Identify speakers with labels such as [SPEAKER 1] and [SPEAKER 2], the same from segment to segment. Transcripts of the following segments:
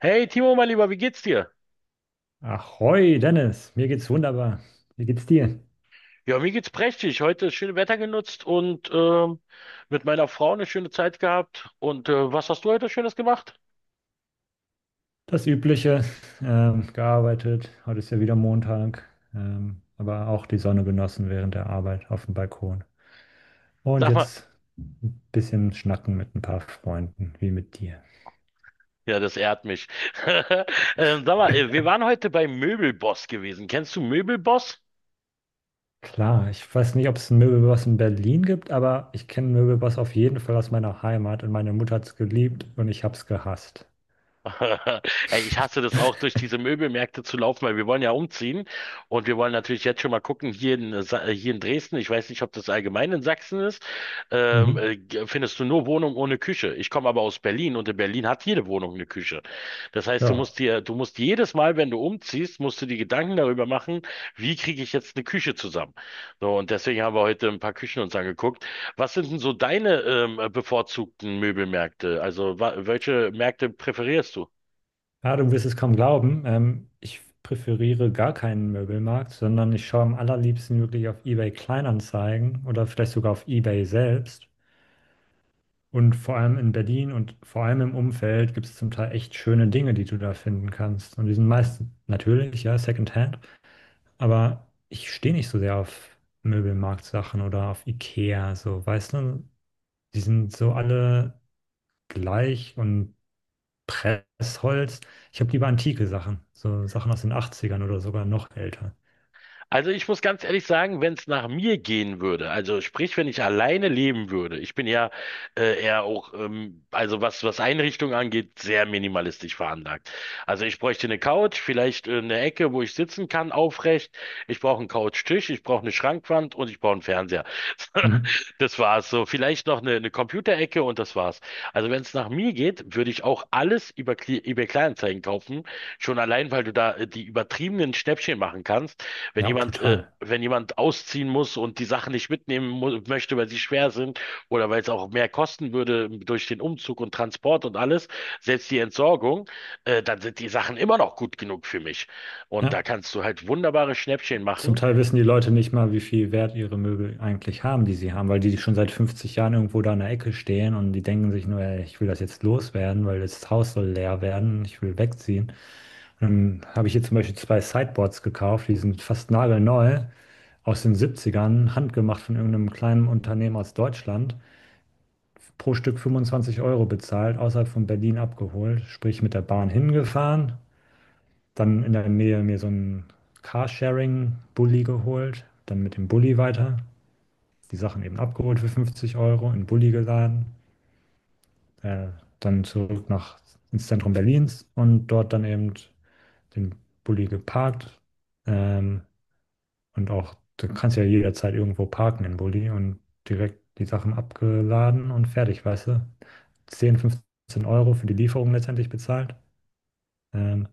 [SPEAKER 1] Hey Timo, mein Lieber, wie geht's dir?
[SPEAKER 2] Ahoi, Dennis, mir geht's wunderbar. Wie geht's dir?
[SPEAKER 1] Ja, mir geht's prächtig. Heute das schöne Wetter genutzt und mit meiner Frau eine schöne Zeit gehabt. Und was hast du heute Schönes gemacht?
[SPEAKER 2] Das Übliche, gearbeitet. Heute ist ja wieder Montag, aber auch die Sonne genossen während der Arbeit auf dem Balkon. Und
[SPEAKER 1] Sag mal,
[SPEAKER 2] jetzt ein bisschen schnacken mit ein paar Freunden, wie mit dir.
[SPEAKER 1] ja, das ehrt mich. Sag mal, wir waren heute bei Möbelboss gewesen. Kennst du Möbelboss?
[SPEAKER 2] Klar, ich weiß nicht, ob es einen Möbelboss in Berlin gibt, aber ich kenne einen Möbelboss auf jeden Fall aus meiner Heimat und meine Mutter hat's geliebt und ich hab's gehasst.
[SPEAKER 1] Ey, ich hasse das auch, durch diese Möbelmärkte zu laufen, weil wir wollen ja umziehen und wir wollen natürlich jetzt schon mal gucken, hier hier in Dresden. Ich weiß nicht, ob das allgemein in Sachsen ist,
[SPEAKER 2] Mhm.
[SPEAKER 1] findest du nur Wohnungen ohne Küche. Ich komme aber aus Berlin und in Berlin hat jede Wohnung eine Küche. Das heißt,
[SPEAKER 2] Ja,
[SPEAKER 1] du musst jedes Mal, wenn du umziehst, musst du dir Gedanken darüber machen, wie kriege ich jetzt eine Küche zusammen. So, und deswegen haben wir heute ein paar Küchen uns angeguckt. Was sind denn so deine bevorzugten Möbelmärkte? Also welche Märkte präferierst du?
[SPEAKER 2] ja, du wirst es kaum glauben. Ich präferiere gar keinen Möbelmarkt, sondern ich schaue am allerliebsten wirklich auf eBay Kleinanzeigen oder vielleicht sogar auf eBay selbst. Und vor allem in Berlin und vor allem im Umfeld gibt es zum Teil echt schöne Dinge, die du da finden kannst. Und die sind meist natürlich, ja, Secondhand. Aber ich stehe nicht so sehr auf Möbelmarktsachen oder auf IKEA, so, weißt du? Die sind so alle gleich und Pressholz. Ich habe lieber antike Sachen, so Sachen aus den 80ern oder sogar noch älter.
[SPEAKER 1] Also ich muss ganz ehrlich sagen, wenn es nach mir gehen würde, also sprich, wenn ich alleine leben würde, ich bin ja also was Einrichtung angeht, sehr minimalistisch veranlagt. Also ich bräuchte eine Couch, vielleicht eine Ecke, wo ich sitzen kann, aufrecht. Ich brauche einen Couchtisch, ich brauche eine Schrankwand und ich brauche einen Fernseher.
[SPEAKER 2] Mhm.
[SPEAKER 1] Das war's so. Vielleicht noch eine Computerecke und das war's. Also wenn es nach mir geht, würde ich auch alles über eBay Kleinanzeigen kaufen. Schon allein, weil du da die übertriebenen Schnäppchen machen kannst. Wenn
[SPEAKER 2] Ja, total.
[SPEAKER 1] wenn jemand ausziehen muss und die Sachen nicht mitnehmen möchte, weil sie schwer sind oder weil es auch mehr kosten würde durch den Umzug und Transport und alles, selbst die Entsorgung, dann sind die Sachen immer noch gut genug für mich. Und da
[SPEAKER 2] Ja.
[SPEAKER 1] kannst du halt wunderbare Schnäppchen
[SPEAKER 2] Zum
[SPEAKER 1] machen.
[SPEAKER 2] Teil wissen die Leute nicht mal, wie viel Wert ihre Möbel eigentlich haben, die sie haben, weil die schon seit 50 Jahren irgendwo da in der Ecke stehen, und die denken sich nur: ey, ich will das jetzt loswerden, weil das Haus soll leer werden, ich will wegziehen. Dann habe ich hier zum Beispiel zwei Sideboards gekauft, die sind fast nagelneu, aus den 70ern, handgemacht von irgendeinem kleinen Unternehmen aus Deutschland. Pro Stück 25 € bezahlt, außerhalb von Berlin abgeholt, sprich mit der Bahn hingefahren, dann in der Nähe mir so ein Carsharing-Bulli geholt, dann mit dem Bulli weiter, die Sachen eben abgeholt für 50 Euro, in den Bulli geladen, äh, dann zurück nach, ins Zentrum Berlins und dort dann eben den Bulli geparkt. ähm, Und auch, du kannst ja jederzeit irgendwo parken in Bulli und direkt die Sachen abgeladen und fertig, weißt du? 10, 15 € für die Lieferung letztendlich bezahlt. Ähm,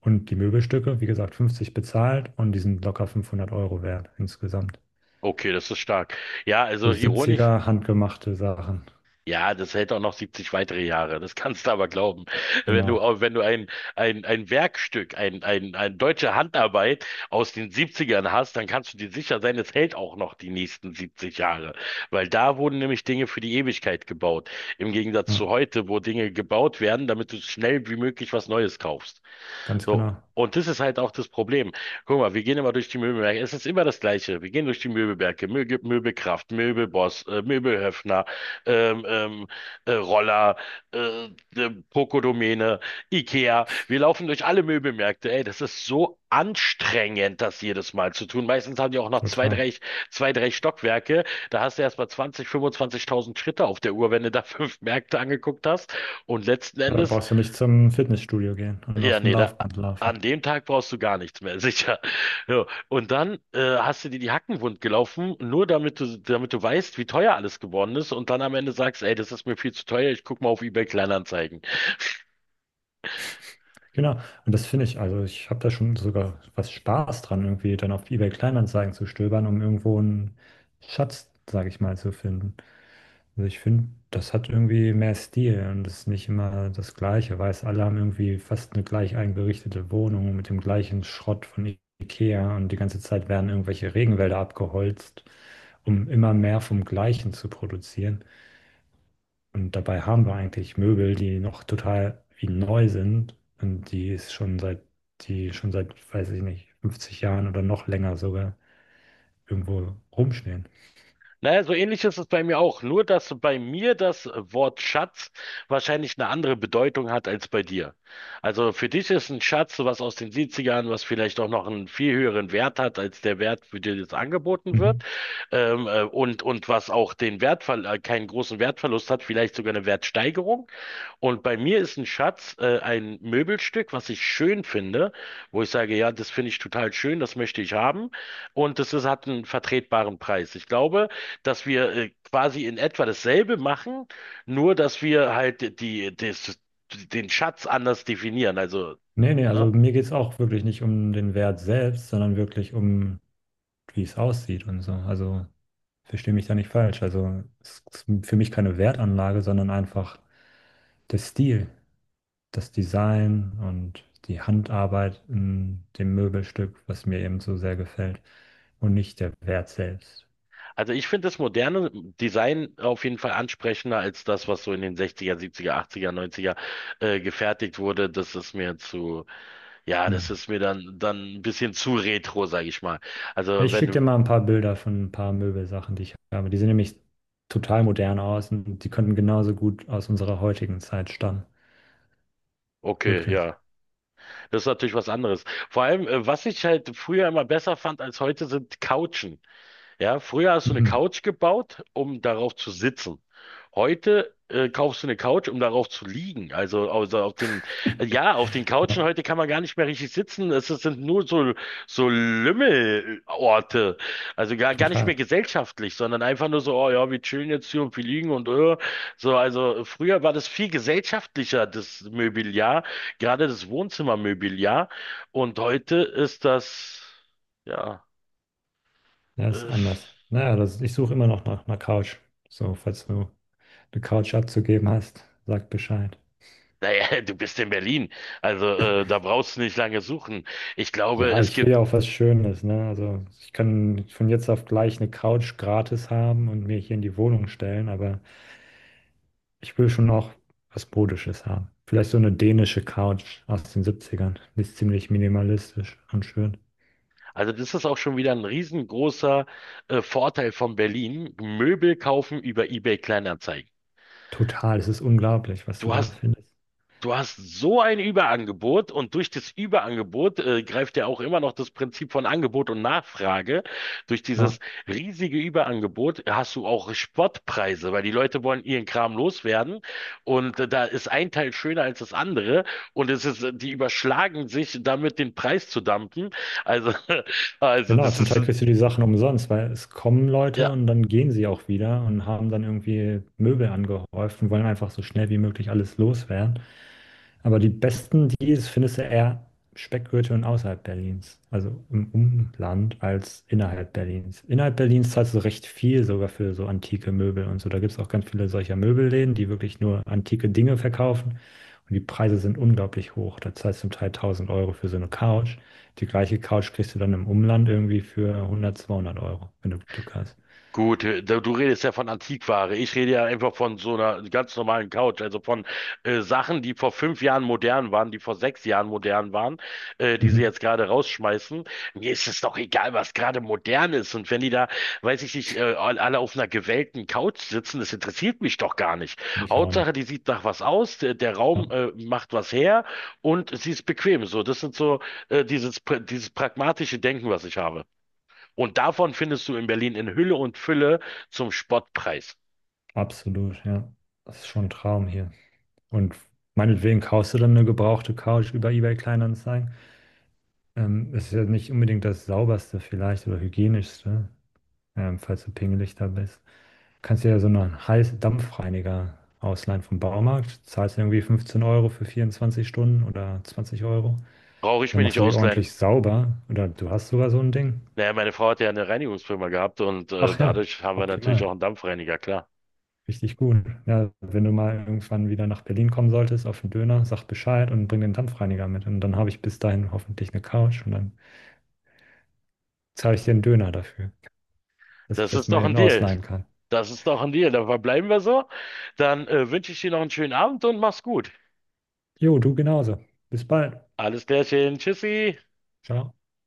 [SPEAKER 2] und die Möbelstücke, wie gesagt, 50 bezahlt, und die sind locker 500 € wert insgesamt.
[SPEAKER 1] Okay, das ist stark. Ja, also
[SPEAKER 2] So
[SPEAKER 1] ironisch.
[SPEAKER 2] 70 handgemachte Sachen.
[SPEAKER 1] Ja, das hält auch noch 70 weitere Jahre. Das kannst du aber glauben.
[SPEAKER 2] Genau.
[SPEAKER 1] Wenn du ein Werkstück, ein deutsche Handarbeit aus den 70ern hast, dann kannst du dir sicher sein, es hält auch noch die nächsten 70 Jahre. Weil da wurden nämlich Dinge für die Ewigkeit gebaut. Im Gegensatz
[SPEAKER 2] Ja,
[SPEAKER 1] zu heute, wo Dinge gebaut werden, damit du schnell wie möglich was Neues kaufst.
[SPEAKER 2] ganz
[SPEAKER 1] So.
[SPEAKER 2] genau.
[SPEAKER 1] Und das ist halt auch das Problem. Guck mal, wir gehen immer durch die Möbelwerke. Es ist immer das Gleiche. Wir gehen durch die Möbelwerke. Möbel, Möbelkraft, Möbelboss, Möbelhöfner, ähm, ähm, Roller, äh, Pokodomäne, Ikea. Wir laufen durch alle Möbelmärkte. Ey, das ist so anstrengend, das jedes Mal zu tun. Meistens haben die auch noch
[SPEAKER 2] Total.
[SPEAKER 1] zwei, drei Stockwerke. Da hast du erst mal 20, 25.000 Schritte auf der Uhr, wenn du da fünf Märkte angeguckt hast. Und letzten
[SPEAKER 2] Ja, da
[SPEAKER 1] Endes
[SPEAKER 2] brauchst du nicht zum Fitnessstudio gehen und
[SPEAKER 1] ja,
[SPEAKER 2] auf dem
[SPEAKER 1] nee,
[SPEAKER 2] Laufband laufen.
[SPEAKER 1] an dem Tag brauchst du gar nichts mehr, sicher. So, und dann hast du dir die Hacken wund gelaufen, nur damit damit du weißt, wie teuer alles geworden ist und dann am Ende sagst, ey, das ist mir viel zu teuer, ich guck mal auf eBay Kleinanzeigen.
[SPEAKER 2] Genau, und das finde ich, also ich habe da schon sogar was Spaß dran, irgendwie dann auf eBay Kleinanzeigen zu stöbern, um irgendwo einen Schatz, sage ich mal, zu finden. Also ich finde, das hat irgendwie mehr Stil und ist nicht immer das Gleiche, weil es alle haben irgendwie fast eine gleich eingerichtete Wohnung mit dem gleichen Schrott von IKEA, und die ganze Zeit werden irgendwelche Regenwälder abgeholzt, um immer mehr vom Gleichen zu produzieren. Und dabei haben wir eigentlich Möbel, die noch total wie neu sind und die schon seit, weiß ich nicht, 50 Jahren oder noch länger sogar irgendwo rumstehen.
[SPEAKER 1] Naja, so ähnlich ist es bei mir auch, nur dass bei mir das Wort Schatz wahrscheinlich eine andere Bedeutung hat als bei dir. Also für dich ist ein Schatz was aus den 70ern, was vielleicht auch noch einen viel höheren Wert hat als der Wert, für den es angeboten wird,
[SPEAKER 2] Mhm.
[SPEAKER 1] und was auch den Wertverl keinen großen Wertverlust hat, vielleicht sogar eine Wertsteigerung. Und bei mir ist ein Schatz ein Möbelstück, was ich schön finde, wo ich sage, ja, das finde ich total schön, das möchte ich haben. Und hat einen vertretbaren Preis. Ich glaube, dass wir quasi in etwa dasselbe machen, nur dass wir halt den Schatz anders definieren. Also,
[SPEAKER 2] Nee, nee, also
[SPEAKER 1] ne?
[SPEAKER 2] mir geht es auch wirklich nicht um den Wert selbst, sondern wirklich um, wie es aussieht und so. Also verstehe mich da nicht falsch. Also es ist für mich keine Wertanlage, sondern einfach der Stil, das Design und die Handarbeit in dem Möbelstück, was mir eben so sehr gefällt, und nicht der Wert selbst.
[SPEAKER 1] Also ich finde das moderne Design auf jeden Fall ansprechender als das, was so in den 60er, 70er, 80er, 90er gefertigt wurde. Das ist mir zu. Ja,
[SPEAKER 2] Hm.
[SPEAKER 1] das ist mir dann ein bisschen zu retro, sage ich mal.
[SPEAKER 2] Ja,
[SPEAKER 1] Also
[SPEAKER 2] ich schicke
[SPEAKER 1] wenn,
[SPEAKER 2] dir mal ein paar Bilder von ein paar Möbelsachen, die ich habe. Die sehen nämlich total modern aus, und die könnten genauso gut aus unserer heutigen Zeit stammen.
[SPEAKER 1] okay,
[SPEAKER 2] Wirklich.
[SPEAKER 1] ja, das ist natürlich was anderes. Vor allem, was ich halt früher immer besser fand als heute, sind Couchen. Ja, früher hast du eine
[SPEAKER 2] Mhm.
[SPEAKER 1] Couch gebaut, um darauf zu sitzen. Heute kaufst du eine Couch, um darauf zu liegen. Also auf den Couchen
[SPEAKER 2] Ja,
[SPEAKER 1] heute kann man gar nicht mehr richtig sitzen. Es sind nur so, so Lümmelorte. Also gar nicht
[SPEAKER 2] total.
[SPEAKER 1] mehr gesellschaftlich, sondern einfach nur so, oh ja, wir chillen jetzt hier und wir liegen und. So, also früher war das viel gesellschaftlicher, das Mobiliar, gerade das Wohnzimmermobiliar. Und heute ist das, ja.
[SPEAKER 2] Ja, ist
[SPEAKER 1] äh,
[SPEAKER 2] anders. Naja, ich suche immer noch nach einer Couch. So, falls du eine Couch abzugeben hast, sag Bescheid.
[SPEAKER 1] Naja, du bist in Berlin. Also da brauchst du nicht lange suchen. Ich glaube,
[SPEAKER 2] Ja, ich will ja auch was Schönes, ne? Also ich kann von jetzt auf gleich eine Couch gratis haben und mir hier in die Wohnung stellen, aber ich will schon auch was Modisches haben. Vielleicht so eine dänische Couch aus den Siebzigern. Die ist ziemlich minimalistisch und schön.
[SPEAKER 1] also das ist auch schon wieder ein riesengroßer Vorteil von Berlin. Möbel kaufen über eBay Kleinanzeigen.
[SPEAKER 2] Total, es ist unglaublich, was du
[SPEAKER 1] Du
[SPEAKER 2] da
[SPEAKER 1] hast
[SPEAKER 2] findest.
[SPEAKER 1] Du hast so ein Überangebot und durch das Überangebot greift ja auch immer noch das Prinzip von Angebot und Nachfrage. Durch dieses
[SPEAKER 2] Ja.
[SPEAKER 1] riesige Überangebot hast du auch Spottpreise, weil die Leute wollen ihren Kram loswerden und da ist ein Teil schöner als das andere und die überschlagen sich damit den Preis zu dumpen. Also, also
[SPEAKER 2] Genau,
[SPEAKER 1] das
[SPEAKER 2] zum
[SPEAKER 1] ist
[SPEAKER 2] Teil kriegst du die Sachen umsonst, weil es kommen
[SPEAKER 1] äh,
[SPEAKER 2] Leute und dann gehen sie auch wieder und haben dann irgendwie Möbel angehäuft und wollen einfach so schnell wie möglich alles loswerden. Aber die besten Deals findest du eher Speckgürtel und außerhalb Berlins, also im Umland als innerhalb Berlins. Innerhalb Berlins zahlst du recht viel sogar für so antike Möbel und so. Da gibt es auch ganz viele solcher Möbelläden, die wirklich nur antike Dinge verkaufen. Und die Preise sind unglaublich hoch. Da zahlst du zum Teil 1.000 € für so eine Couch. Die gleiche Couch kriegst du dann im Umland irgendwie für 100, 200 Euro, wenn du Glück hast.
[SPEAKER 1] gut. Du redest ja von Antiquare. Ich rede ja einfach von so einer ganz normalen Couch, also von Sachen, die vor fünf Jahren modern waren, die vor sechs Jahren modern waren, die sie
[SPEAKER 2] Mhm.
[SPEAKER 1] jetzt gerade rausschmeißen. Mir ist es doch egal, was gerade modern ist. Und wenn weiß ich nicht, alle auf einer gewellten Couch sitzen, das interessiert mich doch gar nicht.
[SPEAKER 2] Ich auch
[SPEAKER 1] Hauptsache,
[SPEAKER 2] nicht.
[SPEAKER 1] die sieht nach was aus, der
[SPEAKER 2] Ja,
[SPEAKER 1] Raum macht was her und sie ist bequem. So, das sind so dieses pragmatische Denken, was ich habe. Und davon findest du in Berlin in Hülle und Fülle zum Spottpreis.
[SPEAKER 2] absolut, ja. Das ist schon ein Traum hier. Und meinetwegen kaufst du dann eine gebrauchte Couch über eBay Kleinanzeigen. Ist ja nicht unbedingt das sauberste vielleicht oder hygienischste, falls du pingelig da bist. Kannst dir ja so einen heißen Dampfreiniger ausleihen vom Baumarkt. Zahlst ja irgendwie 15 € für 24 Stunden oder 20 Euro.
[SPEAKER 1] Brauche ich
[SPEAKER 2] Dann
[SPEAKER 1] mir
[SPEAKER 2] machst
[SPEAKER 1] nicht
[SPEAKER 2] du die
[SPEAKER 1] ausleihen.
[SPEAKER 2] ordentlich sauber, oder du hast sogar so ein Ding.
[SPEAKER 1] Naja, meine Frau hat ja eine Reinigungsfirma gehabt und
[SPEAKER 2] Ach ja,
[SPEAKER 1] dadurch haben wir natürlich auch
[SPEAKER 2] optimal.
[SPEAKER 1] einen Dampfreiniger, klar.
[SPEAKER 2] Richtig gut. Ja, wenn du mal irgendwann wieder nach Berlin kommen solltest, auf den Döner, sag Bescheid und bring den Dampfreiniger mit. Und dann habe ich bis dahin hoffentlich eine Couch, und dann zahle ich dir einen Döner dafür, dass ich
[SPEAKER 1] Das
[SPEAKER 2] das
[SPEAKER 1] ist
[SPEAKER 2] mal
[SPEAKER 1] doch
[SPEAKER 2] eben
[SPEAKER 1] ein Deal.
[SPEAKER 2] ausleihen kann.
[SPEAKER 1] Das ist doch ein Deal. Dann verbleiben wir so. Dann wünsche ich dir noch einen schönen Abend und mach's gut.
[SPEAKER 2] Jo, du genauso. Bis bald.
[SPEAKER 1] Alles Klärchen. Tschüssi.
[SPEAKER 2] Ciao.